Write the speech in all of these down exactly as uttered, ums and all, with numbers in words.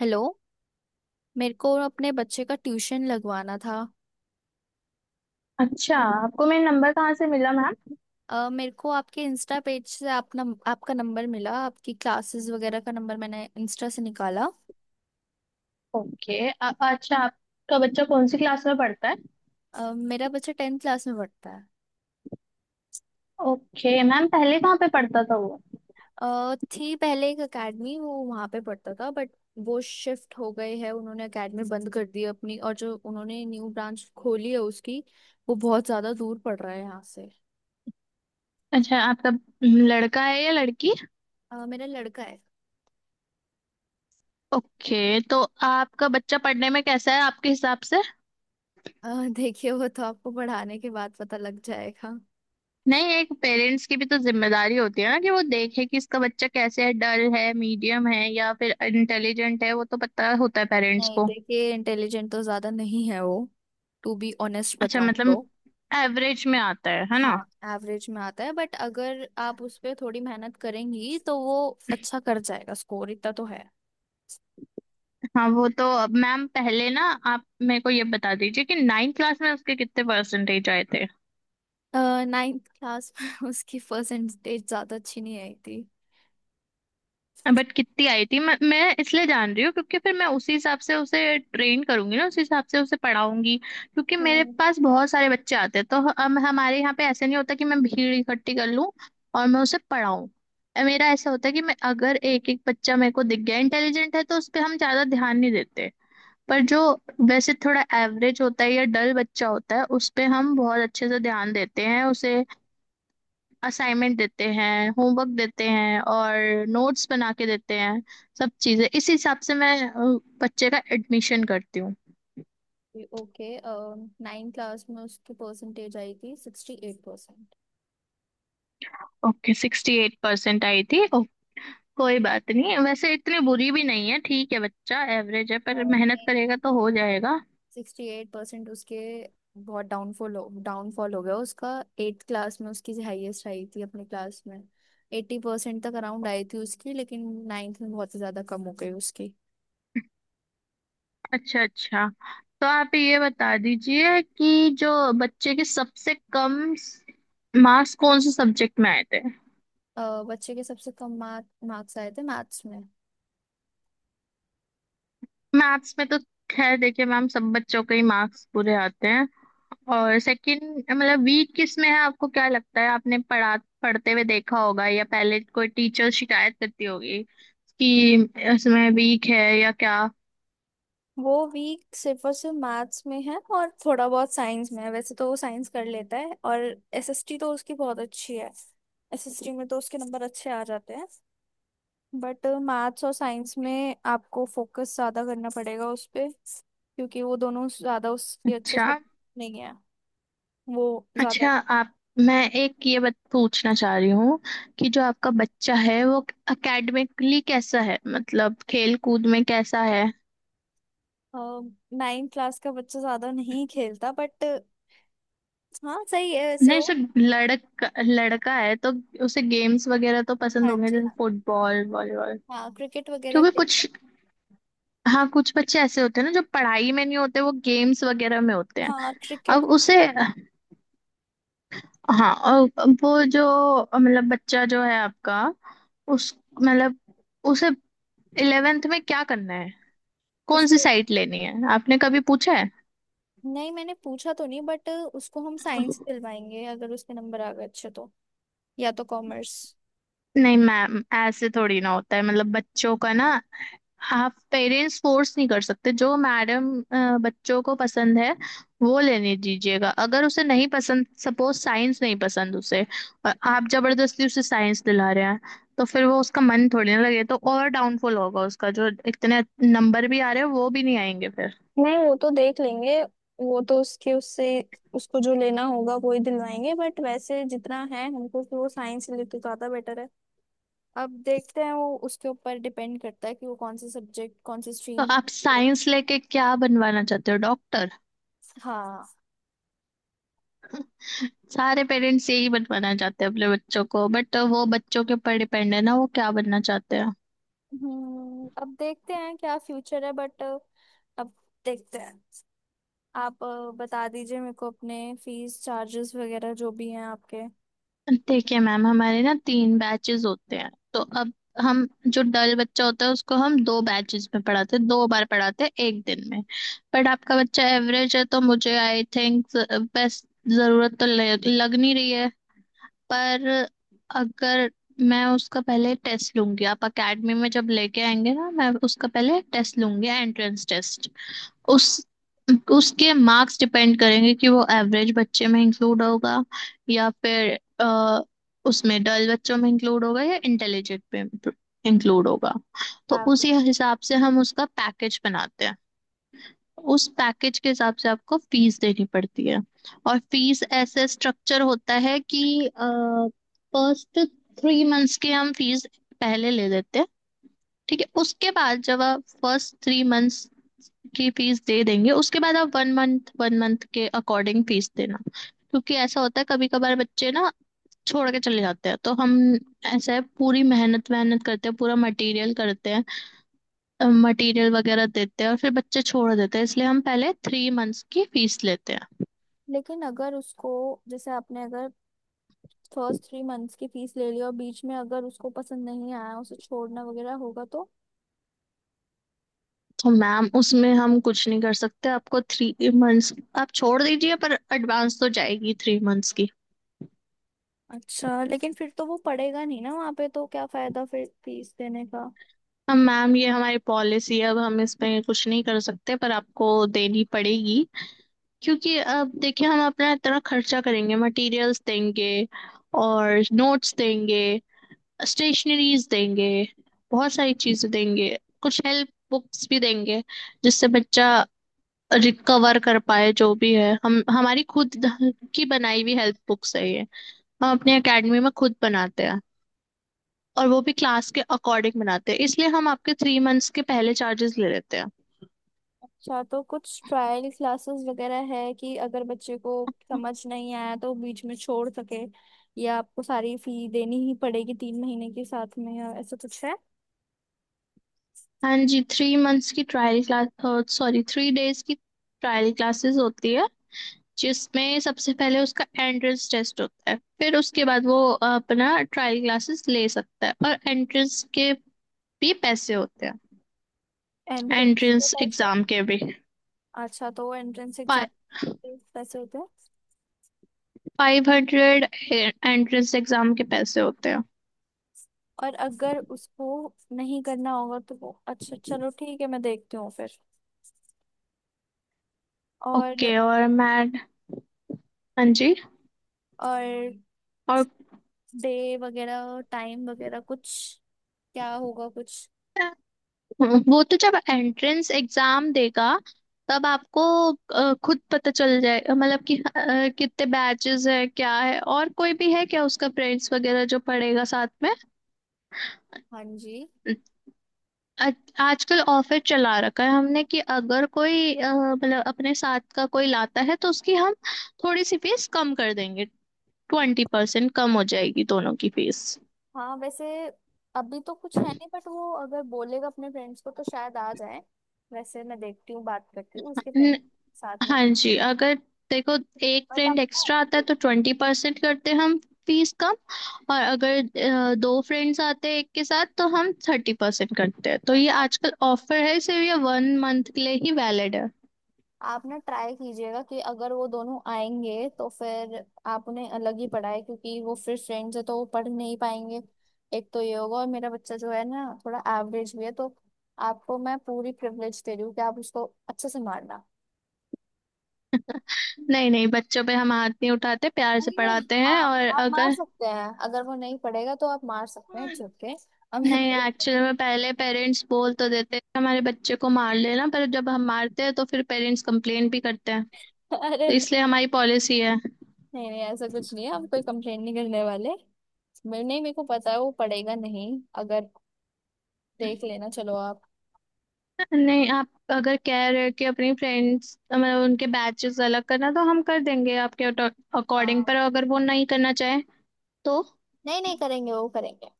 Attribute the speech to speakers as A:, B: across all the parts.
A: Hello. मेरे को अपने बच्चे का ट्यूशन लगवाना था।
B: अच्छा, आपको मेरा नंबर कहाँ से मिला मैम।
A: अ, मेरे को आपके इंस्टा पेज से आप नम, आपका नंबर मिला। आपकी क्लासेस वगैरह का नंबर मैंने इंस्टा से निकाला।
B: ओके, अ- अच्छा, आपका बच्चा कौन सी क्लास में पढ़ता है।
A: अ, मेरा बच्चा टेंथ क्लास में पढ़ता है।
B: ओके मैम, पहले कहाँ पे पढ़ता था वो।
A: अ, थी पहले एक अकेडमी, वो वहाँ पे पढ़ता था बट वो शिफ्ट हो गए है, उन्होंने अकेडमी बंद कर दी है अपनी। और जो उन्होंने न्यू ब्रांच खोली है, उसकी वो बहुत ज़्यादा दूर पड़ रहा है यहाँ से।
B: अच्छा, आपका हम्म, लड़का है या लड़की।
A: अ, मेरा लड़का है अ,
B: ओके, तो आपका बच्चा पढ़ने में कैसा है आपके हिसाब से।
A: देखिए, वो तो आपको पढ़ाने के बाद पता लग जाएगा।
B: नहीं, एक पेरेंट्स की भी तो जिम्मेदारी होती है ना, कि वो देखे कि इसका बच्चा कैसे है, डल है, मीडियम है या फिर इंटेलिजेंट है, वो तो पता होता है पेरेंट्स
A: नहीं
B: को।
A: देखिए, इंटेलिजेंट तो ज्यादा नहीं है वो, टू बी ऑनेस्ट
B: अच्छा,
A: बताऊं
B: मतलब
A: तो।
B: एवरेज में आता है है ना।
A: हाँ, एवरेज में आता है बट अगर आप उस पे थोड़ी मेहनत करेंगी तो वो अच्छा कर जाएगा, स्कोर इतना तो है।
B: हाँ, वो तो अब मैम, पहले ना आप मेरे को ये बता दीजिए कि नाइन्थ क्लास में उसके कितने परसेंटेज आए थे।
A: नाइन्थ क्लास में उसकी परसेंटेज ज्यादा अच्छी नहीं आई थी।
B: बट कितनी आई थी, मैं मैं इसलिए जान रही हूँ, क्योंकि फिर मैं उसी हिसाब से उसे ट्रेन करूंगी ना, उसी हिसाब से उसे पढ़ाऊंगी, क्योंकि मेरे
A: हम्म।
B: पास बहुत सारे बच्चे आते हैं, तो हम हमारे यहाँ पे ऐसे नहीं होता कि मैं भीड़ इकट्ठी कर लूँ और मैं उसे पढ़ाऊँ। मेरा ऐसा होता है कि मैं अगर एक एक बच्चा मेरे को दिख गया इंटेलिजेंट है, तो उस पर हम ज्यादा ध्यान नहीं देते, पर जो वैसे थोड़ा एवरेज होता है या डल बच्चा होता है, उस पे हम बहुत अच्छे से ध्यान देते हैं, उसे असाइनमेंट देते हैं, होमवर्क देते हैं और नोट्स बना के देते हैं। सब चीजें इस हिसाब से मैं अ, बच्चे का एडमिशन करती हूँ।
A: ओके। नाइन्थ क्लास में उसकी परसेंटेज आई थी sixty eight percent.
B: Okay, sixty eight percent आई थी। ओ, कोई बात नहीं, वैसे इतनी बुरी भी नहीं है, ठीक है, बच्चा एवरेज है पर मेहनत करेगा तो हो जाएगा।
A: सिक्सटी एट परसेंट उसके, बहुत डाउनफॉल हो डाउनफॉल हो गया उसका। एट्थ क्लास में उसकी हाईएस्ट आई थी अपने क्लास में, एट्टी परसेंट तक अराउंड आई थी उसकी, लेकिन नाइन्थ में बहुत ही ज़्यादा कम हो गई उसकी।
B: अच्छा अच्छा, तो आप ये बता दीजिए कि जो बच्चे के सबसे कम मार्क्स कौन से सब्जेक्ट में आए थे।
A: अ, बच्चे के सबसे कम मार्क मार्क्स आए थे मैथ्स में।
B: मैथ्स में तो खैर, देखिए मैम, सब बच्चों के ही मार्क्स बुरे आते हैं, और सेकंड मतलब वीक किस में है, आपको क्या लगता है, आपने पढ़ा, पढ़ते हुए देखा होगा या पहले कोई टीचर शिकायत करती होगी कि इसमें वीक है या क्या।
A: वो वीक सिर्फ और सिर्फ मैथ्स में है और थोड़ा बहुत साइंस में है, वैसे तो वो साइंस कर लेता है। और एसएसटी तो उसकी बहुत अच्छी है, एसएसटी में तो उसके नंबर अच्छे आ जाते हैं बट मैथ्स और साइंस में आपको फोकस ज्यादा करना पड़ेगा उस पे, क्योंकि वो दोनों ज्यादा उसके अच्छे
B: अच्छा
A: सब नहीं है वो ज्यादा।
B: अच्छा, आप मैं एक ये बात पूछना चाह रही हूँ कि जो आपका बच्चा है वो एकेडमिकली कैसा है, मतलब खेल कूद में कैसा है।
A: नाइन्थ क्लास का बच्चा ज्यादा नहीं खेलता बट हाँ सही है वैसे
B: नहीं,
A: वो।
B: सिर्फ लड़का लड़का है तो उसे गेम्स वगैरह तो पसंद
A: हाँ
B: होंगे,
A: जी,
B: जैसे
A: हाँ। हाँ।
B: Football volleyball.
A: हाँ क्रिकेट वगैरह
B: क्योंकि
A: खेलता
B: कुछ, हाँ, कुछ बच्चे ऐसे होते हैं ना जो पढ़ाई में नहीं होते वो गेम्स वगैरह में होते
A: है।
B: हैं।
A: हाँ क्रिकेट।
B: अब उसे, हाँ, और वो जो, मतलब बच्चा जो है आपका, उस, मतलब, उसे इलेवेंथ में क्या करना है, कौन सी
A: उसको,
B: साइट लेनी है, आपने कभी पूछा है।
A: नहीं मैंने पूछा तो नहीं बट उसको हम साइंस दिलवाएंगे अगर उसके नंबर आ गए अच्छे तो, या तो कॉमर्स।
B: नहीं मैम, ऐसे थोड़ी ना होता है, मतलब बच्चों का ना, आप पेरेंट्स फोर्स नहीं कर सकते, जो मैडम बच्चों को पसंद है वो लेने दीजिएगा। अगर उसे नहीं पसंद, सपोज साइंस नहीं पसंद उसे, और आप जबरदस्ती उसे साइंस दिला रहे हैं, तो फिर वो, उसका मन थोड़ी ना लगे तो, और डाउनफॉल होगा उसका, जो इतने नंबर भी आ रहे हैं वो भी नहीं आएंगे फिर।
A: नहीं वो तो देख लेंगे, वो तो उसके उससे उसको जो लेना होगा वो ही दिलवाएंगे बट वैसे जितना है हमको, कि वो साइंस ले तो ज्यादा बेटर है। अब देखते हैं, वो उसके ऊपर डिपेंड करता है कि वो कौन से सब्जेक्ट कौन से
B: तो
A: स्ट्रीम।
B: आप साइंस लेके क्या बनवाना चाहते हो, डॉक्टर।
A: हाँ।
B: सारे पेरेंट्स यही बनवाना चाहते हैं अपने बच्चों को, बट वो बच्चों के ऊपर डिपेंड है ना, वो क्या बनना चाहते हैं।
A: हम्म, अब देखते हैं क्या फ्यूचर है बट अब देखते हैं। आप अ, बता दीजिए मेरे को अपने फीस चार्जेस वगैरह जो भी हैं आपके।
B: देखिए मैम, हमारे ना तीन बैचेस होते हैं, तो अब, हम जो डल बच्चा होता है उसको हम दो बैचेस में पढ़ाते हैं, दो बार पढ़ाते हैं एक दिन में। बट आपका बच्चा एवरेज है, तो मुझे आई थिंक बेस्ट जरूरत तो लग, लग नहीं रही है, पर, अगर, मैं उसका पहले टेस्ट लूंगी, आप अकेडमी में जब लेके आएंगे ना, मैं उसका पहले टेस्ट लूंगी, एंट्रेंस टेस्ट। उस उसके मार्क्स डिपेंड करेंगे कि वो एवरेज बच्चे में इंक्लूड होगा या फिर अ, उसमें, डल बच्चों में इंक्लूड होगा या इंटेलिजेंट में इंक्लूड होगा। तो
A: आप
B: उसी हिसाब से हम उसका पैकेज बनाते हैं। उस पैकेज के हिसाब से आपको फीस देनी पड़ती है। और फीस ऐसे स्ट्रक्चर होता है कि फर्स्ट थ्री मंथ्स की हम फीस पहले ले लेते हैं। ठीक है, उसके बाद जब आप फर्स्ट थ्री मंथ्स की फीस दे देंगे, उसके बाद आप वन मंथ वन मंथ के अकॉर्डिंग फीस देना। क्योंकि ऐसा होता है, कभी कभार बच्चे ना छोड़ के चले जाते हैं, तो हम, ऐसा है, पूरी मेहनत मेहनत करते हैं, पूरा मटेरियल करते हैं, मटेरियल वगैरह देते हैं और फिर बच्चे छोड़ देते हैं, इसलिए हम पहले थ्री मंथ्स की फीस लेते हैं।
A: लेकिन अगर उसको, जैसे आपने अगर फर्स्ट थ्री मंथ्स की फीस ले लियो और बीच में अगर उसको पसंद नहीं आया, उसे छोड़ना वगैरह होगा तो?
B: तो मैम, उसमें हम कुछ नहीं कर सकते, आपको थ्री मंथ्स, आप छोड़ दीजिए पर एडवांस तो जाएगी थ्री मंथ्स की।
A: अच्छा लेकिन फिर तो वो पढ़ेगा नहीं ना वहाँ पे, तो क्या फायदा फिर फीस देने का?
B: हम मैम, ये हमारी पॉलिसी है, अब हम इसमें कुछ नहीं कर सकते, पर आपको देनी पड़ेगी। क्योंकि अब देखिए, हम अपना इतना खर्चा करेंगे, मटेरियल्स देंगे और नोट्स देंगे, स्टेशनरीज देंगे, बहुत सारी चीजें देंगे, कुछ हेल्प बुक्स भी देंगे जिससे बच्चा रिकवर कर पाए, जो भी है हम, हमारी खुद की बनाई हुई हेल्प बुक्स है ये, हम अपने एकेडमी में खुद बनाते हैं, और वो भी क्लास के अकॉर्डिंग बनाते हैं, इसलिए हम आपके थ्री मंथ्स के पहले चार्जेस ले लेते हैं।
A: अच्छा तो कुछ ट्रायल क्लासेस वगैरह है कि अगर बच्चे को समझ नहीं आया तो बीच में छोड़ सके, या आपको सारी फी देनी ही पड़ेगी तीन महीने के साथ में, या ऐसा कुछ है?
B: हाँ जी, थ्री मंथ्स की trial class, sorry three days की ट्रायल क्लासेस होती है, जिसमें सबसे पहले उसका एंट्रेंस टेस्ट होता है, फिर उसके बाद वो अ, अपना ट्रायल क्लासेस ले सकता है, और एंट्रेंस के भी पैसे होते हैं,
A: एंट्रेंस के
B: एंट्रेंस
A: पैसे?
B: एग्जाम के भी।
A: अच्छा, तो एंट्रेंस एग्जाम पैसे होते हैं।
B: फाइव हंड्रेड, एंट्रेंस एग्जाम के पैसे होते हैं।
A: और अगर उसको नहीं करना होगा तो वो, अच्छा चलो ठीक है, मैं देखती हूँ फिर। और
B: ओके और मैट, हाँ जी,
A: और
B: और,
A: डे वगैरह टाइम वगैरह कुछ क्या होगा कुछ?
B: हम्म, वो तो जब एंट्रेंस एग्जाम देगा तब आपको अ, खुद पता चल जाएगा, मतलब कि अ, कितने बैचेस है क्या है, और कोई भी है क्या उसका फ्रेंड्स वगैरह जो पढ़ेगा साथ में।
A: हाँ जी।
B: अ- आजकल ऑफर चला रखा है हमने कि अगर कोई अ, मतलब अपने साथ का कोई लाता है तो उसकी हम थोड़ी सी फीस कम कर देंगे, ट्वेंटी परसेंट कम हो जाएगी दोनों की फीस।
A: हाँ वैसे, अभी तो कुछ है नहीं बट वो अगर बोलेगा अपने फ्रेंड्स को तो शायद आ जाए। वैसे मैं देखती हूँ, बात करती हूँ उसके फ्रेंड साथ में।
B: हाँ जी, अगर, देखो, एक
A: बट
B: फ्रेंड एक्स्ट्रा आता है तो ट्वेंटी परसेंट करते हैं हम फीस कम। और अगर अ, दो फ्रेंड्स आते हैं एक के साथ तो हम थर्टी परसेंट करते हैं। तो ये
A: आप
B: आजकल ऑफर है, सिर्फ ये वन मंथ के लिए ही वैलिड है।
A: आप ना ट्राई कीजिएगा कि अगर वो दोनों आएंगे तो फिर आप उन्हें अलग ही पढ़ाए, क्योंकि वो फिर फ्रेंड्स है तो वो पढ़ नहीं पाएंगे। एक तो ये होगा, और मेरा बच्चा जो है ना थोड़ा एवरेज भी है, तो आपको मैं पूरी प्रिविलेज दे रही हूँ कि आप उसको अच्छे से मारना।
B: नहीं नहीं, बच्चों पे हम हाथ नहीं उठाते, प्यार से
A: नहीं नहीं,
B: पढ़ाते हैं।
A: आप
B: और
A: आप मार
B: अगर,
A: सकते हैं, अगर वो नहीं पढ़ेगा तो आप मार सकते हैं, इट्स ओके। हमें
B: नहीं,
A: कोई।
B: एक्चुअली में पहले पेरेंट्स बोल तो देते हैं कि हमारे बच्चे को मार लेना, पर जब हम मारते हैं तो फिर पेरेंट्स कंप्लेन भी करते हैं,
A: अरे
B: तो
A: नहीं।
B: इसलिए हमारी पॉलिसी है।
A: नहीं नहीं, ऐसा कुछ नहीं है, हम कोई कंप्लेन नहीं करने वाले। मैं- नहीं मेरे को पता है वो पढ़ेगा नहीं, अगर देख लेना। चलो आप।
B: नहीं, आप अगर कह रहे हो कि अपनी फ्रेंड्स मतलब उनके बैचेस अलग करना, तो हम कर देंगे आपके अकॉर्डिंग,
A: हाँ।
B: पर अगर वो नहीं करना चाहे तो।
A: नहीं नहीं करेंगे, वो करेंगे।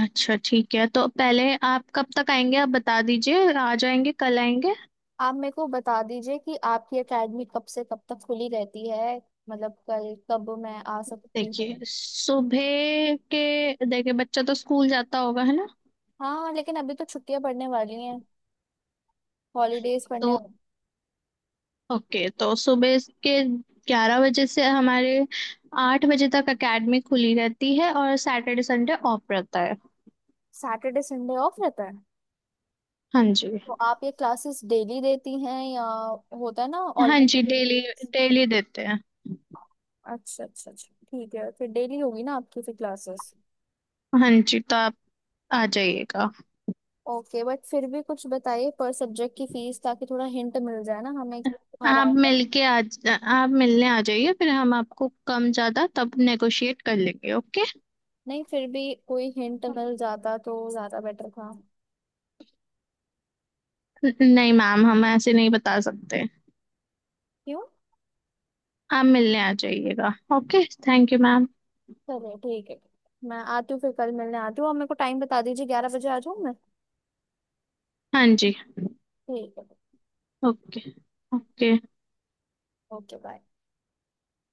B: अच्छा ठीक है, तो पहले आप कब तक आएंगे, आप बता दीजिए, आ जाएंगे, कल आएंगे।
A: आप मेरे को बता दीजिए कि आपकी एकेडमी कब से कब तक खुली रहती है, मतलब कल कब मैं आ सकती हूँ।
B: देखिए सुबह के, देखिए बच्चा तो स्कूल जाता होगा, है ना,
A: हाँ लेकिन अभी तो छुट्टियां पड़ने वाली हैं, हॉलीडेज पड़ने
B: तो
A: वाली।
B: ओके, तो सुबह के ग्यारह बजे से हमारे आठ बजे तक एकेडमी खुली रहती है, और सैटरडे संडे ऑफ रहता है।
A: सैटरडे संडे ऑफ रहता है?
B: हाँ जी।
A: तो आप ये क्लासेस डेली देती हैं या होता है ना? ऑल।
B: हाँ जी, डेली, डेली देते हैं।
A: अच्छा अच्छा अच्छा, ठीक है, फिर डेली होगी ना आपकी फिर क्लासेस।
B: हाँ जी, तो आप आ जाइएगा।
A: ओके बट फिर भी कुछ बताइए पर सब्जेक्ट की फीस, ताकि थोड़ा हिंट मिल जाए ना हमें।
B: आप
A: अराउंड।
B: मिलके आ आप मिलने आ जाइए, फिर हम आपको कम ज्यादा तब नेगोशिएट कर लेंगे, ओके।
A: नहीं फिर भी कोई हिंट मिल जाता तो ज्यादा बेटर था।
B: नहीं मैम, हम ऐसे नहीं बता सकते।
A: क्यों?
B: आप मिलने आ जाइएगा, ओके, थैंक यू मैम।
A: चलिए ठीक है, मैं आती हूँ फिर कल मिलने आती हूँ और मेरे को टाइम बता दीजिए, ग्यारह बजे आ जाऊँ मैं?
B: हाँ जी।
A: ठीक है।
B: ओके। ओके।
A: Okay bye.